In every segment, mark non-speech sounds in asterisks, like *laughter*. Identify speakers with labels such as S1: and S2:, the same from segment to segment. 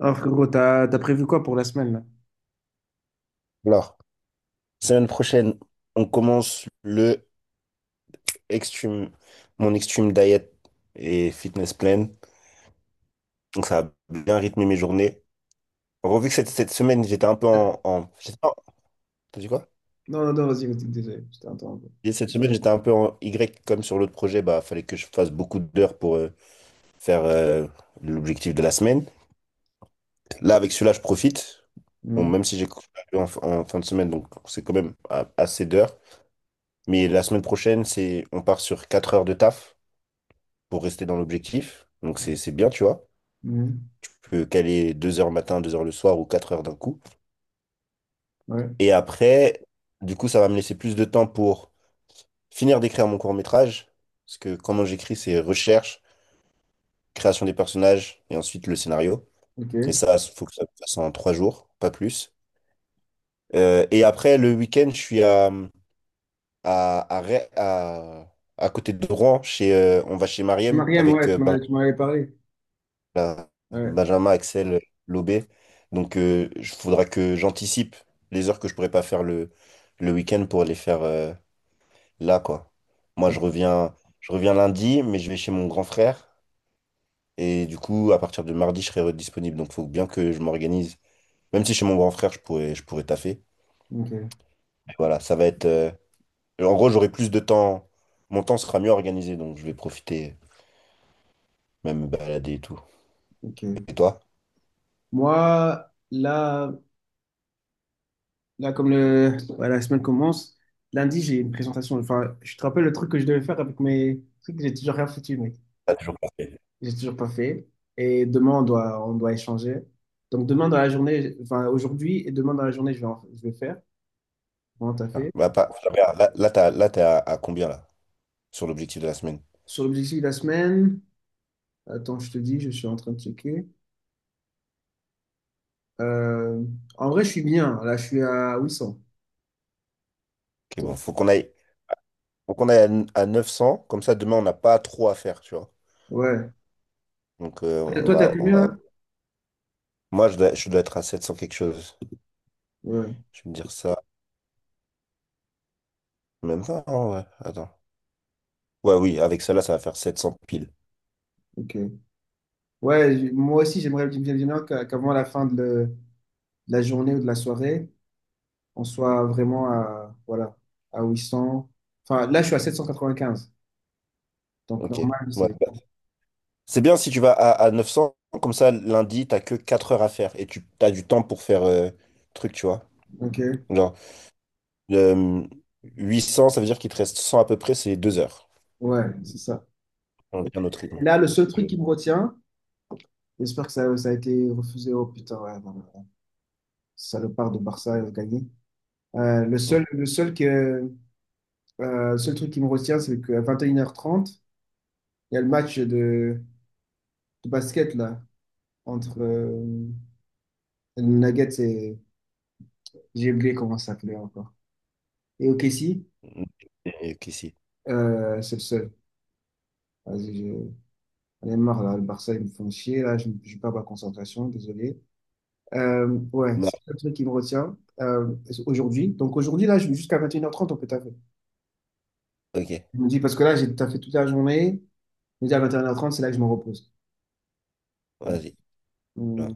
S1: Alors, gros, t'as prévu quoi pour la semaine, là?
S2: Alors, semaine prochaine, on commence Extreme, mon Extreme Diet et Fitness Plan. Donc, ça a bien rythmé mes journées. En gros, vu que cette semaine, j'étais un peu
S1: Ah,
S2: je sais pas, t'as dit quoi?
S1: non, non, non, vas-y, vas-y, désolé, je t'ai interrompu.
S2: Et cette semaine, j'étais un peu en Y comme sur l'autre projet. Bah, fallait que je fasse beaucoup d'heures pour faire l'objectif de la semaine. Là, avec celui-là, je profite. Bon,
S1: Mhm,
S2: même si j'ai couru en fin de semaine, donc c'est quand même assez d'heures. Mais la semaine prochaine, c'est, on part sur 4 heures de taf, pour rester dans l'objectif. Donc c'est bien, tu vois.
S1: mhm,
S2: Tu peux caler 2 heures le matin, 2 heures le soir ou 4 heures d'un coup.
S1: ouais,
S2: Et après, du coup, ça va me laisser plus de temps pour finir d'écrire mon court-métrage. Parce que comment j'écris, c'est recherche, création des personnages et ensuite le scénario. Et
S1: ok.
S2: ça, il faut que ça se fasse en 3 jours, pas plus. Et après, le week-end, je suis à, à, Ré- à, à côté de Rouen. On va chez Mariem
S1: Mariam,
S2: avec
S1: ouais, tu
S2: Benjamin
S1: m'en- tu m'en avais parlé.
S2: là,
S1: Ouais,
S2: Benjamin, Axel, Lobé. Donc, il faudra que j'anticipe les heures que je pourrais pas faire le week-end pour les faire là, quoi. Moi,
S1: o-
S2: je reviens lundi, mais je vais chez mon grand frère. Et du coup, à partir de mardi, je serai disponible. Donc, il faut bien que je m'organise. Même si chez mon grand frère, je pourrais taffer.
S1: ok,
S2: Mais voilà, ça va être. En gros, j'aurai plus de temps. Mon temps sera mieux organisé, donc je vais profiter, même me balader et tout.
S1: ok.
S2: Et toi?
S1: Moi, là, là comme le, ouais, la semaine commence, lundi, j'ai une présentation. Enfin, je te rappelle le truc que je devais faire avec mes trucs, j'ai toujours rien foutu, mec.
S2: T'as toujours pas fait.
S1: J'ai toujours pas fait. Et demain, on doit échanger. Donc, demain dans la journée, enfin, aujourd'hui et demain dans la journée, je vais faire. Vraiment, t'as
S2: Ah,
S1: fait.
S2: bah, là, là, là, t'es à combien là, sur l'objectif de la semaine?
S1: Sur l'objectif de la semaine. Attends, je te dis, je suis en train de checker. Euh, en vrai, je suis bien. Là, je suis à 800.
S2: Ok,
S1: Toi,
S2: bon, faut qu'on aille à 900, comme ça demain on n'a pas trop à faire, tu vois.
S1: ouais.
S2: Donc
S1: Et
S2: on
S1: toi, t'as
S2: va, on va.
S1: combien?
S2: Moi je dois être à 700 quelque chose.
S1: Ouais,
S2: Je vais me dire ça, même pas, hein, ouais, attends. Ouais, oui, avec celle-là ça va faire 700 piles.
S1: ok. Ouais, moi aussi, j'aimerais bien bien qu'avant la fin de, de la journée ou de la soirée, on soit vraiment à, voilà, à 800. Enfin, là, je suis à 795. Donc,
S2: Ok,
S1: normal,
S2: ouais,
S1: c'est.
S2: bah, c'est bien si tu vas à 900 comme ça lundi, t'as que 4 heures à faire et tu as du temps pour faire truc, tu vois.
S1: Ok,
S2: Genre, euh, 800, ça veut dire qu'il te reste 100 à peu près, c'est 2 heures.
S1: ouais, c'est ça.
S2: On a un autre rythme.
S1: Là, le seul truc qui
S2: que-
S1: me retient, j'espère que ça a été refusé. Oh putain, ouais, non, non, non. Salopard de Barça a gagné. Le seul que, le seul truc qui me retient, c'est qu'à 21h30, il y a le match de basket là, entre les Nuggets et. J'ai oublié comment ça s'appelait encore. Et OKC,
S2: Hum, et qu'ici.
S1: c'est le seul. Vas-y, j'en ai marre là, le Barça, ils me font chier là, je perds ma concentration, désolé. Euh, ouais,
S2: Bah,
S1: c'est le seul truc qui me retient aujourd'hui. Donc aujourd'hui, là, jusqu'à 21h30, on peut taffer.
S2: ok,
S1: Je me dis, parce que là, j'ai taffé toute la journée, je me dis à 21h30, c'est là que je me repose. Ouais.
S2: vas-y. Voilà.
S1: Mm.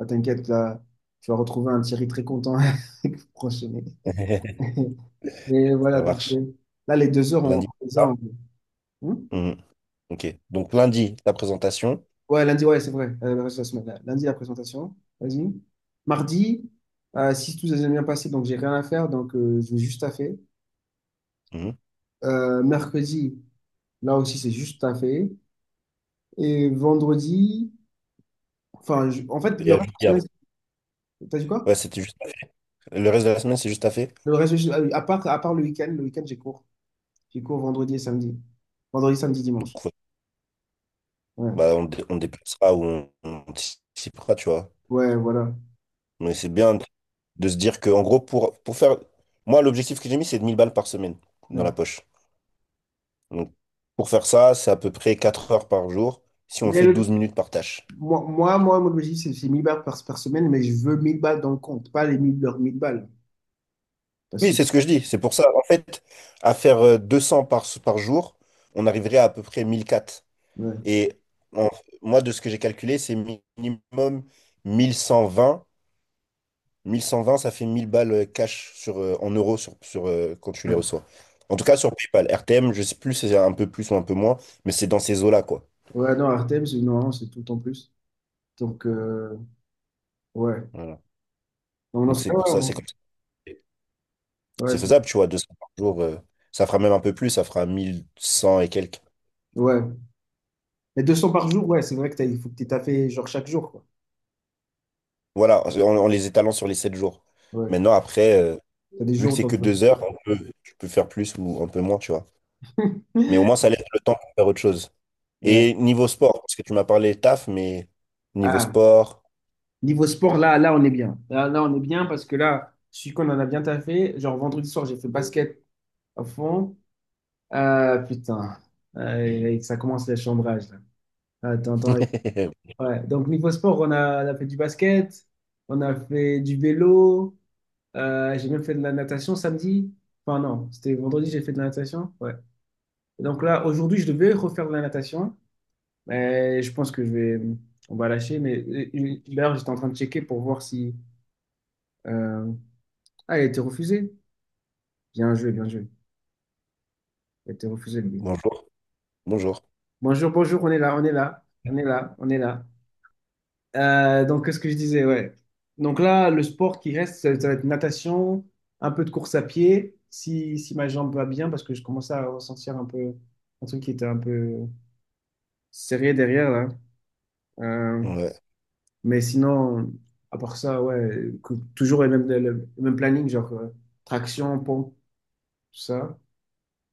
S1: Ah, t'inquiète, là, tu vas retrouver un Thierry très content *laughs* avec vous prochainer.
S2: *laughs*
S1: Mais *laughs* voilà,
S2: Ça
S1: donc
S2: marche.
S1: là, les 2 heures, on
S2: Lundi,
S1: les
S2: ça.
S1: a. Hmm.
S2: Hum, Ok. Donc lundi, la présentation.
S1: Ouais, lundi, ouais, c'est vrai. Le reste de la semaine. Là. Lundi, la présentation. Vas-y. Mardi, si tout s'est bien passé, donc j'ai rien à faire, donc je vais juste taffer.
S2: Hum.
S1: Mercredi, là aussi, c'est juste taffer. Et vendredi, enfin, en fait,
S2: Et
S1: le
S2: à
S1: reste de la
S2: jeudi avant.
S1: semaine, t'as dit quoi?
S2: Ouais, c'était juste à faire. Le reste de la semaine, c'est juste à faire.
S1: Le reste, ah oui, à part le week-end, j'ai cours. J'ai cours vendredi et samedi. Vendredi, samedi, dimanche.
S2: Donc, ouais.
S1: Ouais.
S2: Bah, on déplacera ou on anticipera, tu vois.
S1: Ouais, voilà.
S2: Mais c'est bien de se dire que, en gros, pour faire. Moi, l'objectif que j'ai mis, c'est de 1000 balles par semaine dans
S1: Ouais.
S2: la poche. Donc, pour faire ça, c'est à peu près 4 heures par jour si on
S1: Mais
S2: fait douze minutes par tâche.
S1: moi, mon objectif, c'est 1000 balles par semaine, mais je veux 1000 balles dans le compte, pas les 1000 leurs 1000 balles. Parce
S2: Oui,
S1: que,
S2: c'est ce que je dis. C'est pour ça, en fait, à faire 200 par jour, on arriverait à peu près 1004.
S1: ouais,
S2: Et en- moi, de ce que j'ai calculé, c'est minimum 1120 1120 ça fait 1000 balles cash sur, en euros sur, quand tu les
S1: ouais.
S2: reçois. En tout cas, sur PayPal. RTM, je sais plus si c'est un peu plus ou un peu moins, mais c'est dans ces eaux-là, quoi.
S1: Ouais, non, Artem, c'est non, c'est tout en plus. Donc, ouais.
S2: Voilà.
S1: Non, non,
S2: Donc c'est pour
S1: ouais,
S2: ça,
S1: ouais,
S2: c'est comme ça.
S1: ouais,
S2: C'est faisable, tu vois, 200 par jour. Ça fera même un peu plus, ça fera 1100 et quelques.
S1: ouais. Mais 200 par jour, ouais, c'est vrai que t'as, il faut que tu t'as fait genre, chaque jour, quoi.
S2: Voilà, en les étalant sur les 7 jours.
S1: Ouais.
S2: Maintenant, après,
S1: T'as des
S2: vu que
S1: jours,
S2: c'est
S1: t'en.
S2: que 2 heures, tu peux faire plus ou un peu moins, tu vois. Mais au moins, ça laisse le temps pour faire autre chose.
S1: Ouais.
S2: Et niveau sport, parce que tu m'as parlé taf, mais niveau
S1: Ah,
S2: sport,
S1: niveau sport, là, là, on est bien. Là, là, on est bien parce que là, je suis qu'on en a bien taffé. Genre, vendredi soir, j'ai fait basket à fond. Ah putain, ah, et ça commence les chambrages là. Attends, attends.
S2: *laughs*
S1: Ouais. Donc niveau sport, on a fait du basket, on a fait du vélo, j'ai même fait de la natation samedi. Enfin non, c'était vendredi, j'ai fait de la natation. Ouais. Et donc là, aujourd'hui, je devais refaire de la natation, mais je pense que je vais, on va lâcher. Mais d'ailleurs, j'étais en train de checker pour voir si, euh, ah, elle a été refusée. Bien joué, bien joué. Elle a été refusée. Lui.
S2: bonjour, bonjour.
S1: Bonjour, bonjour, on est là, on est là, on est là, on est là. Donc, qu'est-ce que je disais, ouais. Donc là, le sport qui reste, ça va être natation, un peu de course à pied, si ma jambe va bien, parce que je commençais à ressentir un peu un truc qui était un peu serré derrière, là. Euh,
S2: Ouais,
S1: mais sinon, à part ça, ouais, toujours le même planning, genre traction, pompe, tout ça.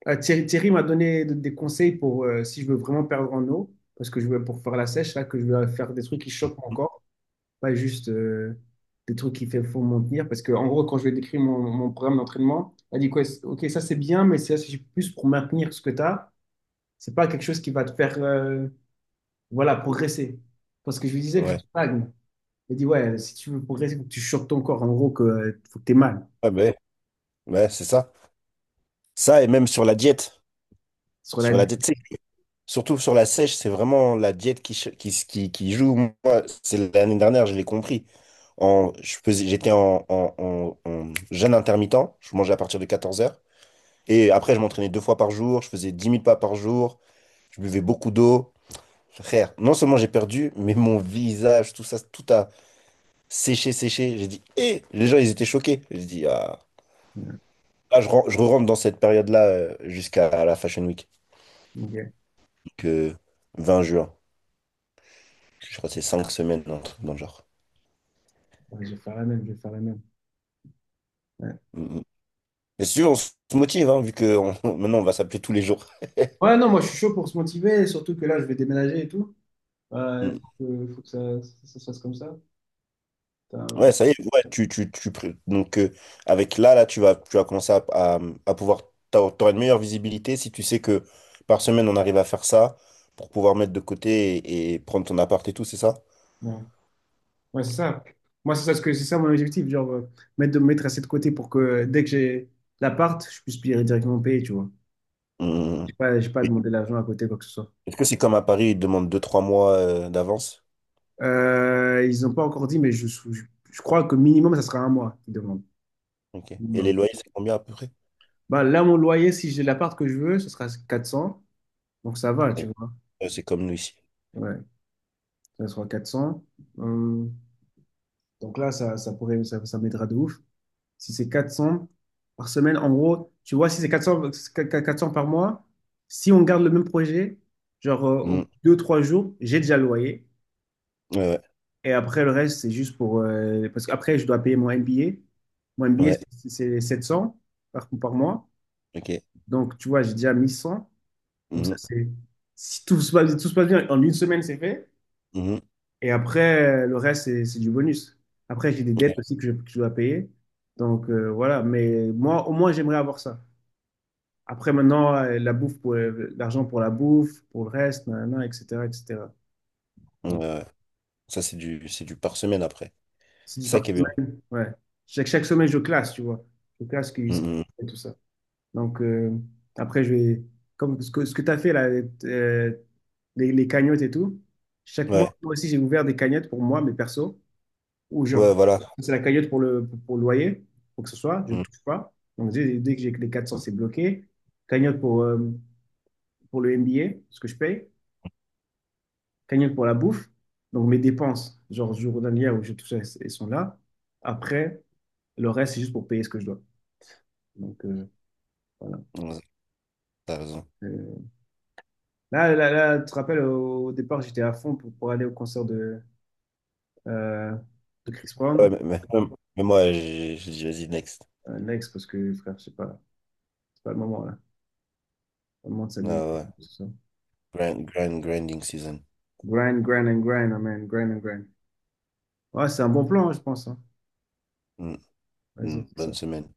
S1: Thierry m'a donné des conseils pour si je veux vraiment perdre en eau, parce que je veux pour faire la sèche, là, que je veux faire des trucs qui choquent encore pas juste des trucs qui font mentir. Parce que, en gros, quand je vais décrire mon programme d'entraînement, elle dit quoi? Ok, ça c'est bien, mais c'est plus pour maintenir ce que tu as. C'est pas quelque chose qui va te faire voilà, progresser. Parce que je lui disais que je
S2: ouais.
S1: stagne. Elle dit, ouais, si tu veux progresser, faut que tu chopes ton corps. En gros, que, faut que tu aies mal
S2: Ah ben, ouais, ouais, c'est ça. Ça, et même sur la diète.
S1: sur la
S2: Sur la
S1: durée.
S2: diète sèche. Surtout sur la sèche, c'est vraiment la diète qui joue. Moi, c'est l'année dernière, je l'ai compris. J'étais en jeûne intermittent. Je mangeais à partir de 14 heures. Et après, je m'entraînais 2 fois par jour. Je faisais 10 000 pas par jour. Je buvais beaucoup d'eau. Frère, non seulement j'ai perdu, mais mon visage, tout ça, tout a séché, séché. J'ai dit, hé, les gens, ils étaient choqués. J'ai dit, ah.
S1: Ouais,
S2: Là, je rentre dans cette période-là jusqu'à la Fashion Week,
S1: ok.
S2: donc 20 juin. Je crois que c'est 5 semaines, un truc dans le genre.
S1: Ouais, je vais faire la même, je vais faire la même. Ouais.
S2: Mm, mm. Et si on se motive, hein, vu que *laughs* maintenant on va s'appeler tous les jours.
S1: Ouais,
S2: *laughs*
S1: non, moi je suis chaud pour se motiver, surtout que là je vais déménager et tout. Euh,
S2: Mm.
S1: Il faut que, ça, ça se fasse comme ça.
S2: Ouais,
S1: Putain,
S2: ça y est, ouais, donc avec là, tu vas commencer à pouvoir, t'auras une meilleure visibilité si tu sais que par semaine on arrive à faire ça pour pouvoir mettre de côté et prendre ton appart et tout, c'est ça?
S1: ouais. Ouais, c'est ça. Moi, c'est ça, ce que c'est ça mon objectif, genre mettre de me mettre assez de côté pour que dès que j'ai l'appart, je puisse payer directement payer, tu vois. J'ai
S2: Mm.
S1: pas, j'ai pas demandé l'argent à côté, quoi que ce soit.
S2: Est-ce que c'est comme à Paris, ils te demandent deux trois mois d'avance?
S1: Ils n'ont pas encore dit, mais je crois que minimum, ça sera un mois qu'ils demandent.
S2: Ok. Et les
S1: Minimum.
S2: loyers, c'est combien à peu près?
S1: Bah, là, mon loyer, si j'ai l'appart que je veux, ce sera 400. Donc, ça va, tu
S2: Ouais,
S1: vois.
S2: ouais, c'est comme nous ici.
S1: Ouais, ça sera 400. Hum, donc là, ça pourrait, ça m'aidera de ouf. Si c'est 400 par semaine, en gros, tu vois, si c'est quatre cents par mois, si on garde le même projet, genre au bout
S2: Mhm.
S1: de deux, trois jours, j'ai déjà le loyer.
S2: Ouais,
S1: Et après, le reste, c'est juste pour, parce qu'après, je dois payer mon MBA. Mon
S2: ouais,
S1: MBA,
S2: ouais.
S1: c'est 700 par mois.
S2: Ok.
S1: Donc, tu vois, j'ai déjà 1 100. Donc, ça,
S2: Mhm.
S1: c'est. Si tout se passe bien, en une semaine, c'est fait.
S2: Mhm.
S1: Et après, le reste, c'est du bonus. Après, j'ai des dettes
S2: Ouais,
S1: aussi que je dois payer. Donc, voilà. Mais moi, au moins, j'aimerais avoir ça. Après, maintenant, la bouffe pour l'argent pour la bouffe, pour le reste, nanana, etc., etc.
S2: ouais.
S1: Donc,
S2: Ouais. Ça, c'est du par semaine après.
S1: si je
S2: C'est ça
S1: pars
S2: qui est bien.
S1: semaine, ouais. Chaque semaine, je classe, tu vois. Je classe
S2: Mhm.
S1: et tout ça. Donc, après, je vais. Comme ce que tu as fait, là, euh, les cagnottes et tout, chaque mois,
S2: Ouais,
S1: moi aussi, j'ai ouvert des cagnottes pour moi, mes persos, ou genre,
S2: ouais, voilà.
S1: c'est la cagnotte pour le loyer, pour que ce soit, je ne
S2: Mhm.
S1: touche pas. Donc, dès que j'ai que les 400 c'est bloqué. Cagnotte pour le MBA, ce que je paye. Cagnotte pour la bouffe. Donc mes dépenses, genre journalières où je touche, elles sont là. Après, le reste, c'est juste pour payer ce que je dois. Donc voilà.
S2: Ouais, t'as raison.
S1: Euh, là, là, là, tu te rappelles, au départ, j'étais à fond pour aller au concert de, euh, de Chris
S2: Ouais,
S1: Brown.
S2: mais, mais moi, j'ai dit, vas-y, next.
S1: Next, parce que frère, je sais pas, c'est pas le moment là. C'est pas le moment de
S2: Ouais,
S1: s'amuser.
S2: ouais.
S1: Tout ça.
S2: Grind, grind, grinding season.
S1: Grind, grind and grind, amen, grind and grind. Ouais, c'est un bon plan, hein, je pense, hein.
S2: Mhm.
S1: Vas-y, on
S2: Une
S1: fait
S2: bonne
S1: ça.
S2: semaine.